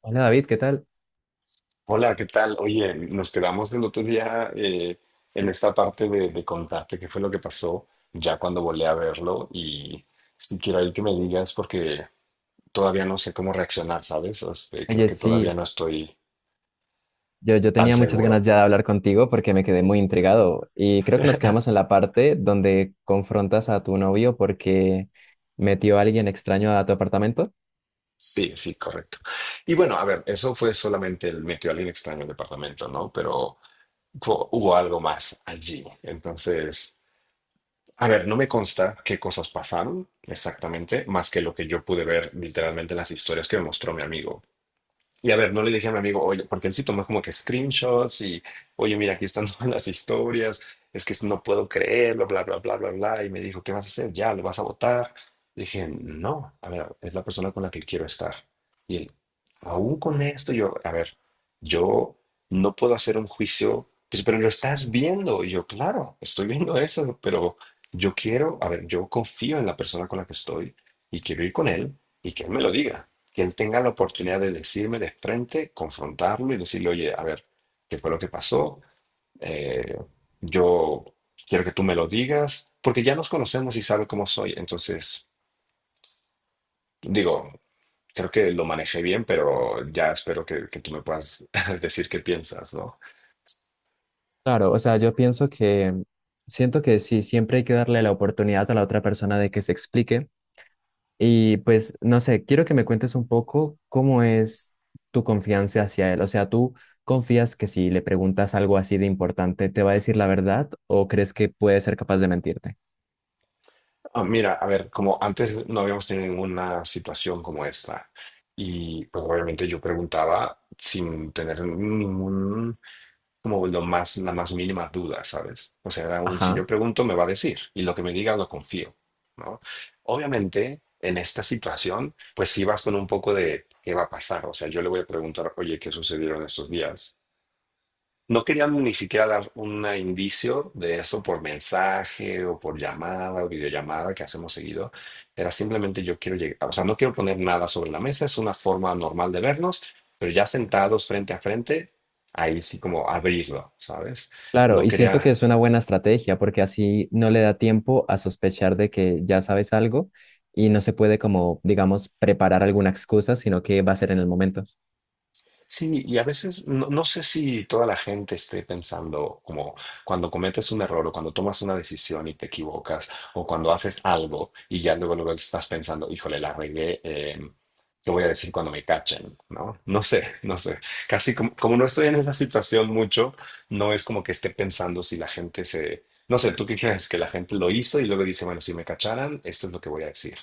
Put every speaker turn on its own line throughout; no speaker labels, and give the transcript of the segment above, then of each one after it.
Hola David, ¿qué tal?
Hola, ¿qué tal? Oye, nos quedamos el otro día en esta parte de contarte qué fue lo que pasó ya cuando volé a verlo y si quiero ahí que me digas porque todavía no sé cómo reaccionar, ¿sabes? Este, creo
Oye,
que todavía
sí,
no estoy
yo
tan
tenía muchas ganas
seguro.
ya de hablar contigo porque me quedé muy intrigado y creo que nos quedamos en la parte donde confrontas a tu novio porque metió a alguien extraño a tu apartamento.
Sí, sí, correcto. Y bueno, a ver, eso fue solamente el metió a alguien extraño en departamento, ¿no? Pero hubo algo más allí. Entonces... A ver, no me consta qué cosas pasaron exactamente, más que lo que yo pude ver literalmente en las historias que me mostró mi amigo. Y a ver, no le dije a mi amigo, oye, porque él sí tomó como que screenshots y, oye, mira, aquí están todas las historias, es que no puedo creerlo, bla, bla, bla, bla, bla. Y me dijo, ¿qué vas a hacer? Ya, ¿lo vas a votar? Dije, no, a ver, es la persona con la que quiero estar. Y él, aún con esto, yo, a ver, yo no puedo hacer un juicio, pues, pero lo estás viendo. Y yo, claro, estoy viendo eso, pero yo quiero, a ver, yo confío en la persona con la que estoy y quiero ir con él y que él me lo diga, que él tenga la oportunidad de decirme de frente, confrontarlo y decirle, oye, a ver, ¿qué fue lo que pasó? Eh, yo quiero que tú me lo digas, porque ya nos conocemos y sabe cómo soy. Entonces, digo, creo que lo manejé bien, pero ya espero que tú me puedas decir qué piensas, ¿no?
Claro, o sea, yo pienso que siento que sí, siempre hay que darle la oportunidad a la otra persona de que se explique. Y pues, no sé, quiero que me cuentes un poco cómo es tu confianza hacia él. O sea, ¿tú confías que si le preguntas algo así de importante, te va a decir la verdad o crees que puede ser capaz de mentirte?
Ah, mira, a ver, como antes no habíamos tenido ninguna situación como esta. Y pues obviamente yo preguntaba sin tener ningún, como lo más, la más mínima duda, ¿sabes? O sea, aún si yo
Ajá.
pregunto, me va a decir, y lo que me diga lo confío, ¿no? Obviamente, en esta situación, pues sí vas con un poco de qué va a pasar, o sea, yo le voy a preguntar, oye, ¿qué sucedieron estos días? No querían ni siquiera dar un indicio de eso por mensaje o por llamada o videollamada que hacemos seguido. Era simplemente yo quiero llegar, o sea, no quiero poner nada sobre la mesa, es una forma normal de vernos, pero ya sentados frente a frente, ahí sí como abrirlo, ¿sabes?
Claro,
No
y siento que
quería.
es una buena estrategia porque así no le da tiempo a sospechar de que ya sabes algo y no se puede como, digamos, preparar alguna excusa, sino que va a ser en el momento.
Sí, y a veces no sé si toda la gente esté pensando como cuando cometes un error o cuando tomas una decisión y te equivocas o cuando haces algo y ya luego, luego estás pensando, híjole, la regué, ¿qué voy a decir cuando me cachen? ¿No? No sé, no sé. Casi como, como no estoy en esa situación mucho, no es como que esté pensando si la gente se... No sé, ¿tú qué crees? Que la gente lo hizo y luego dice, bueno, si me cacharan, esto es lo que voy a decir.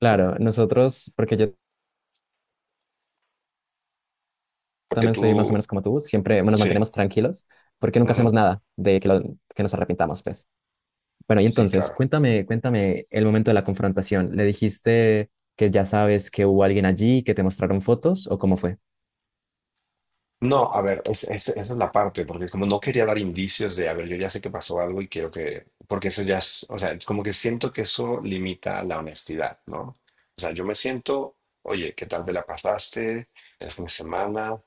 Sí.
nosotros, porque yo
Porque
también soy más o menos
tú...
como tú, siempre nos
Sí.
mantenemos tranquilos porque nunca hacemos
Ujú.
nada de que, que nos arrepintamos, pues. Bueno, y
Sí,
entonces,
claro.
cuéntame, cuéntame el momento de la confrontación. ¿Le dijiste que ya sabes que hubo alguien allí, que te mostraron fotos o cómo fue?
No, a ver, esa es la parte, porque como no quería dar indicios de, a ver, yo ya sé que pasó algo y quiero que, porque eso ya es, o sea, como que siento que eso limita la honestidad, ¿no? O sea, yo me siento, oye, ¿qué tal te la pasaste el fin de semana?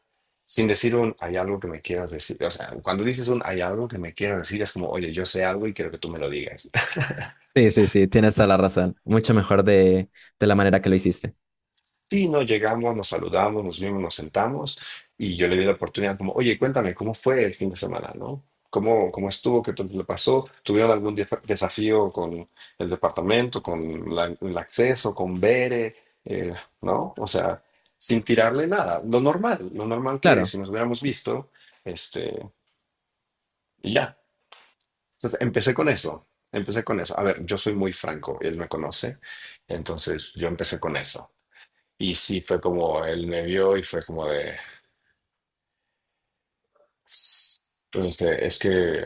Sin decir un, hay algo que me quieras decir. O sea, cuando dices un, hay algo que me quieras decir, es como, oye, yo sé algo y quiero que tú me lo digas.
Sí, sí, sí, tienes toda la razón. Mucho mejor de la manera que lo hiciste.
Sí, no, llegamos, nos saludamos, nos vimos, nos sentamos y yo le di la oportunidad como, oye, cuéntame, ¿cómo fue el fin de semana, no? ¿Cómo, cómo estuvo? ¿Qué tal le pasó? ¿Tuvieron algún desafío con el departamento, con el acceso, con Bere, eh, no? O sea, sin tirarle nada, lo normal que
Claro,
si nos hubiéramos visto, este, y ya. Entonces, empecé con eso, empecé con eso. A ver, yo soy muy franco, él me conoce, entonces yo empecé con eso. Y sí, fue como él me vio y fue como de, entonces, es que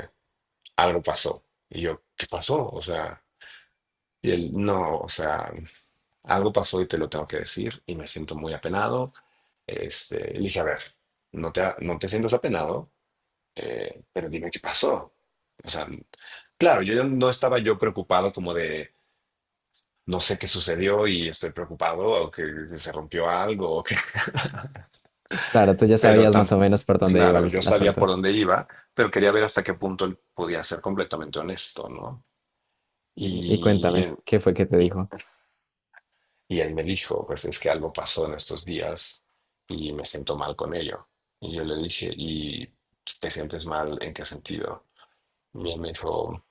algo pasó. Y yo, ¿qué pasó? O sea, y él, no, o sea, algo pasó y te lo tengo que decir y me siento muy apenado. Este, le dije, a ver, no te, no te sientas apenado, pero dime qué pasó. O sea, claro, yo ya no estaba yo preocupado como de, no sé qué sucedió y estoy preocupado o que se rompió algo.
claro, tú ya
Pero
sabías
tan
más o menos por dónde iba el,
claro, yo
el
sabía
asunto.
por dónde iba, pero quería ver hasta qué punto él podía ser completamente honesto, ¿no?
Y
Y
cuéntame,
él,
¿qué fue que te
y,
dijo?
y él me dijo, pues es que algo pasó en estos días y me siento mal con ello. Y yo le dije, ¿y te sientes mal en qué sentido? Y él me dijo,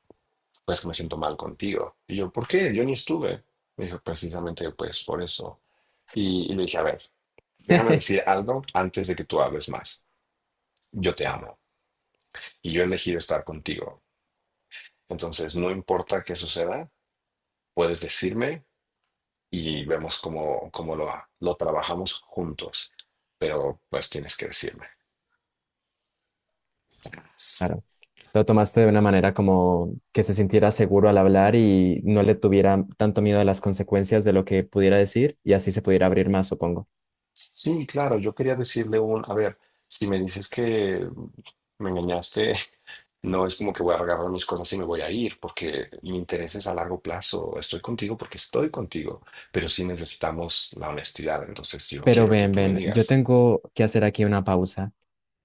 pues que me siento mal contigo. Y yo, ¿por qué? Yo ni estuve. Me dijo, precisamente pues por eso. Y le dije, a ver, déjame decir algo antes de que tú hables más. Yo te amo y yo he elegido estar contigo. Entonces, no importa qué suceda, puedes decirme y vemos cómo, cómo lo trabajamos juntos, pero pues tienes que decirme.
Claro. Lo tomaste de una manera como que se sintiera seguro al hablar y no le tuviera tanto miedo a las consecuencias de lo que pudiera decir y así se pudiera abrir más, supongo.
Sí, claro, yo quería decirle un, a ver, si me dices que me engañaste, no es como que voy a agarrar mis cosas y me voy a ir, porque mi interés es a largo plazo, estoy contigo porque estoy contigo, pero sí necesitamos la honestidad, entonces yo
Pero
quiero que
ven,
tú me
ven, yo
digas,
tengo que hacer aquí una pausa.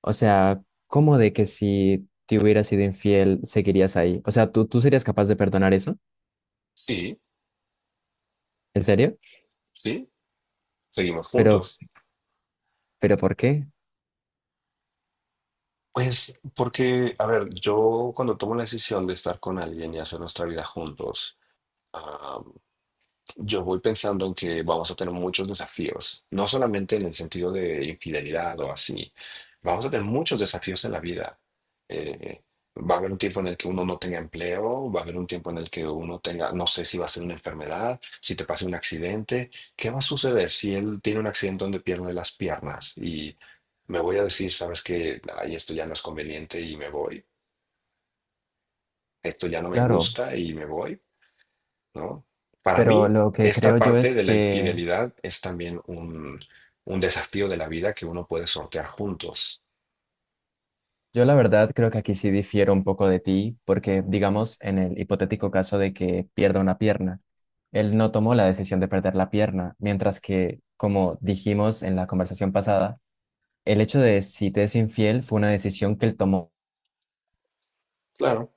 O sea, ¿cómo de que si te hubieras sido infiel seguirías ahí? O sea, ¿tú serías capaz de perdonar eso?
sí,
¿En serio?
sí, seguimos
Pero,
juntos.
pero ¿por qué?
Pues porque, a ver, yo cuando tomo la decisión de estar con alguien y hacer nuestra vida juntos, yo voy pensando en que vamos a tener muchos desafíos, no solamente en el sentido de infidelidad o así, vamos a tener muchos desafíos en la vida. Eh, va a haber un tiempo en el que uno no tenga empleo, va a haber un tiempo en el que uno tenga, no sé si va a ser una enfermedad, si te pasa un accidente, ¿qué va a suceder si él tiene un accidente donde pierde las piernas y me voy a decir, sabes que, ay, esto ya no es conveniente y me voy, esto ya no me
Claro,
gusta y me voy? ¿No? Para
pero
mí,
lo que
esta
creo yo
parte
es
de la
que
infidelidad es también un desafío de la vida que uno puede sortear juntos.
yo la verdad creo que aquí sí difiero un poco de ti, porque digamos en el hipotético caso de que pierda una pierna, él no tomó la decisión de perder la pierna, mientras que, como dijimos en la conversación pasada, el hecho de si te es infiel fue una decisión que él tomó.
Claro,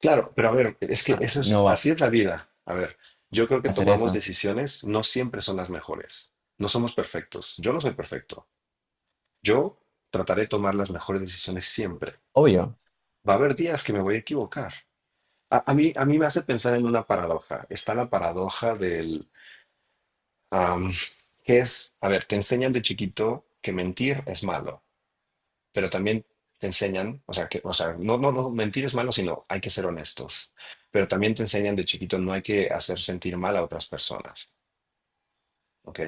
claro, pero a ver, es que
Ah,
eso es,
no va a
así es la vida. A ver, yo creo que
hacer
tomamos
eso.
decisiones, no siempre son las mejores. No somos perfectos. Yo no soy perfecto. Yo trataré de tomar las mejores decisiones siempre.
Obvio.
Va a haber días que me voy a equivocar. A mí me hace pensar en una paradoja. Está la paradoja del Am, que es, a ver, te enseñan de chiquito que mentir es malo, pero también te enseñan, o sea, que, o sea, no, mentir es malo, sino hay que ser honestos, pero también te enseñan de chiquito no hay que hacer sentir mal a otras personas, ¿ok?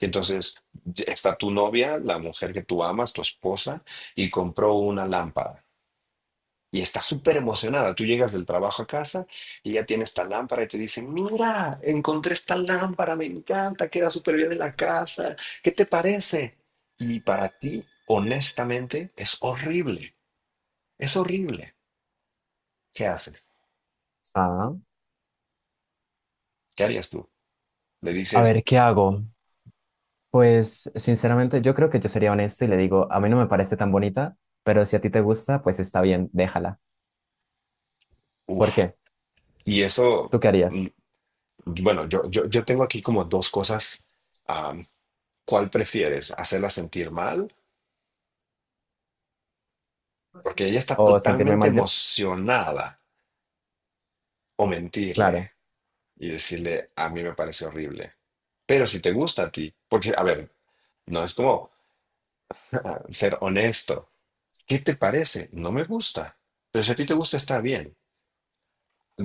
Y entonces ya está tu novia, la mujer que tú amas, tu esposa, y compró una lámpara. Y está súper emocionada. Tú llegas del trabajo a casa y ya tiene esta lámpara y te dice, mira, encontré esta lámpara, me encanta, queda súper bien en la casa, ¿qué te parece? Y para ti, honestamente, es horrible, es horrible. ¿Qué haces?
Ah,
¿Qué harías tú? Le
A
dices,
ver, ¿qué hago? Pues sinceramente yo creo que yo sería honesto y le digo, a mí no me parece tan bonita, pero si a ti te gusta, pues está bien, déjala. ¿Por
uff,
qué?
y eso,
¿Tú qué
mm,
harías?
bueno, yo tengo aquí como dos cosas. am, ¿Cuál prefieres? ¿Hacerla sentir mal? Porque ella está
¿O sentirme
totalmente
mal yo?
emocionada, o mentirle.
Claro.
Y decirle, a mí me parece horrible. Pero si te gusta a ti, porque, a ver, no es como, ah, ser honesto. ¿Qué te parece? No me gusta. Pero si a ti te gusta, está bien.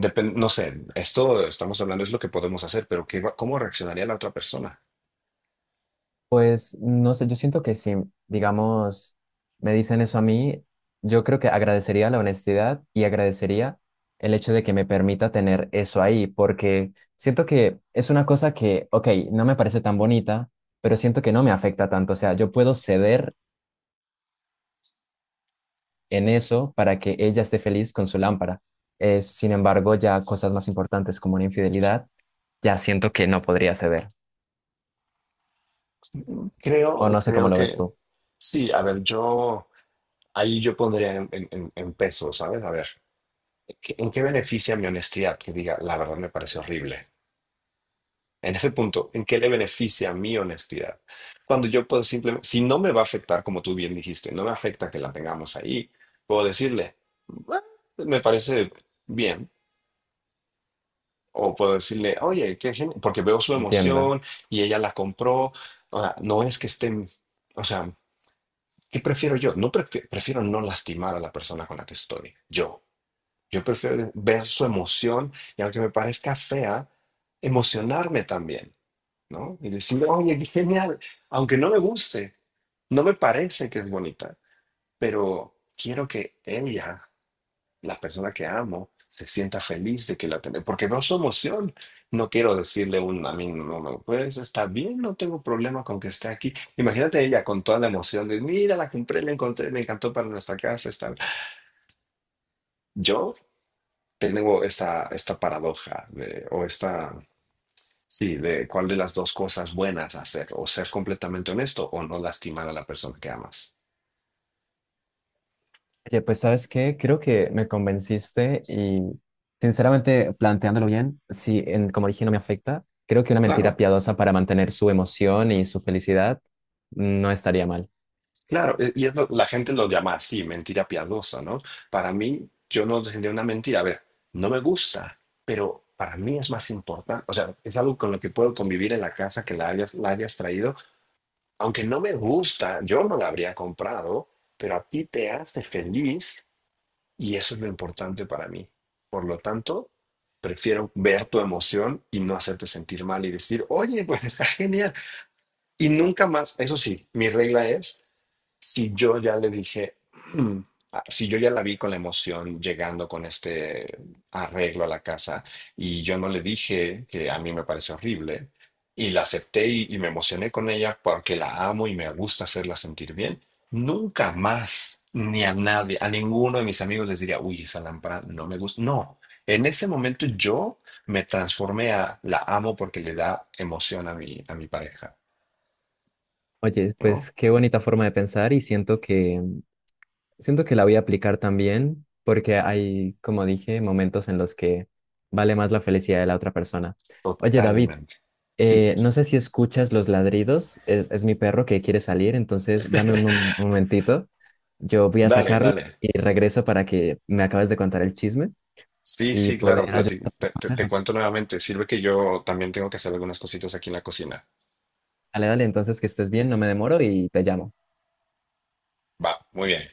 No sé, esto estamos hablando es lo que podemos hacer, pero ¿cómo reaccionaría la otra persona?
Pues no sé, yo siento que si, digamos, me dicen eso a mí, yo creo que agradecería la honestidad y agradecería el hecho de que me permita tener eso ahí, porque siento que es una cosa que, ok, no me parece tan bonita, pero siento que no me afecta tanto. O sea, yo puedo ceder en eso para que ella esté feliz con su lámpara. Sin embargo, ya cosas más importantes como una infidelidad, ya siento que no podría ceder. O
Creo,
no sé cómo
creo
lo ves
que
tú.
sí. A ver, yo ahí yo pondría en pesos, ¿sabes? A ver, ¿en qué beneficia mi honestidad? Que diga, la verdad me parece horrible. En ese punto, ¿en qué le beneficia mi honestidad? Cuando yo puedo simplemente, si no me va a afectar, como tú bien dijiste, no me afecta que la tengamos ahí, puedo decirle, "Ah, me parece bien", o puedo decirle, oye, qué genial, porque veo su
Entiendo.
emoción y ella la compró. O sea, no es que estén, o sea, ¿qué prefiero yo? No prefiero no lastimar a la persona con la que estoy, yo. Yo prefiero ver su emoción y, aunque me parezca fea, emocionarme también. ¿No? Y decir, oye, qué genial, aunque no me guste, no me parece que es bonita, pero quiero que ella, la persona que amo, se sienta feliz de que la tenemos, porque veo su emoción. No quiero decirle un, a mí no, pues está bien, no tengo problema con que esté aquí. Imagínate ella con toda la emoción de, mira, la compré, la encontré, me encantó para nuestra casa. Está... bien. Yo tengo esta paradoja de- o esta. Sí, de cuál de las dos cosas buenas hacer, o ser completamente honesto o no lastimar a la persona que amas.
Oye, pues ¿sabes qué? Creo que me convenciste y sinceramente, planteándolo bien, si en, como dije no me afecta, creo que una mentira
Claro,
piadosa para mantener su emoción y su felicidad no estaría mal.
claro, y es la gente lo llama así, mentira piadosa, ¿no? Para mí, yo no tendría una mentira, a ver, no me gusta, pero para mí es más importante, o sea, es algo con lo que puedo convivir en la casa que la hayas traído, aunque no me gusta, yo no la habría comprado, pero a ti te hace feliz. Y eso es lo importante para mí. Por lo tanto, prefiero ver tu emoción y no hacerte sentir mal y decir, oye, pues está genial. Y nunca más, eso sí, mi regla es, si yo ya le dije, "Mm", ah, si yo ya la vi con la emoción llegando con este arreglo a la casa y yo no le dije que a mí me parece horrible y la acepté y me emocioné con ella porque la amo y me gusta hacerla sentir bien, nunca más ni a nadie, a ninguno de mis amigos les diría, uy, esa lámpara no me gusta. No. En ese momento yo me transformé a la amo porque le da emoción a mi pareja,
Oye, pues
¿no?
qué bonita forma de pensar y siento que la voy a aplicar también porque hay, como dije, momentos en los que vale más la felicidad de la otra persona. Oye, David,
Totalmente. Sí.
No sé si escuchas los ladridos, es mi perro que quiere salir, entonces dame un un momentito, yo voy a
Dale,
sacarlo
dale.
y regreso para que me acabes de contar el chisme
Sí,
y
sí,
poder
claro,
ayudar con
te
consejos.
cuento nuevamente. Sirve que yo también tengo que hacer algunas cositas aquí en la cocina.
Dale, dale, entonces que estés bien, no me demoro y te llamo.
Va, muy bien.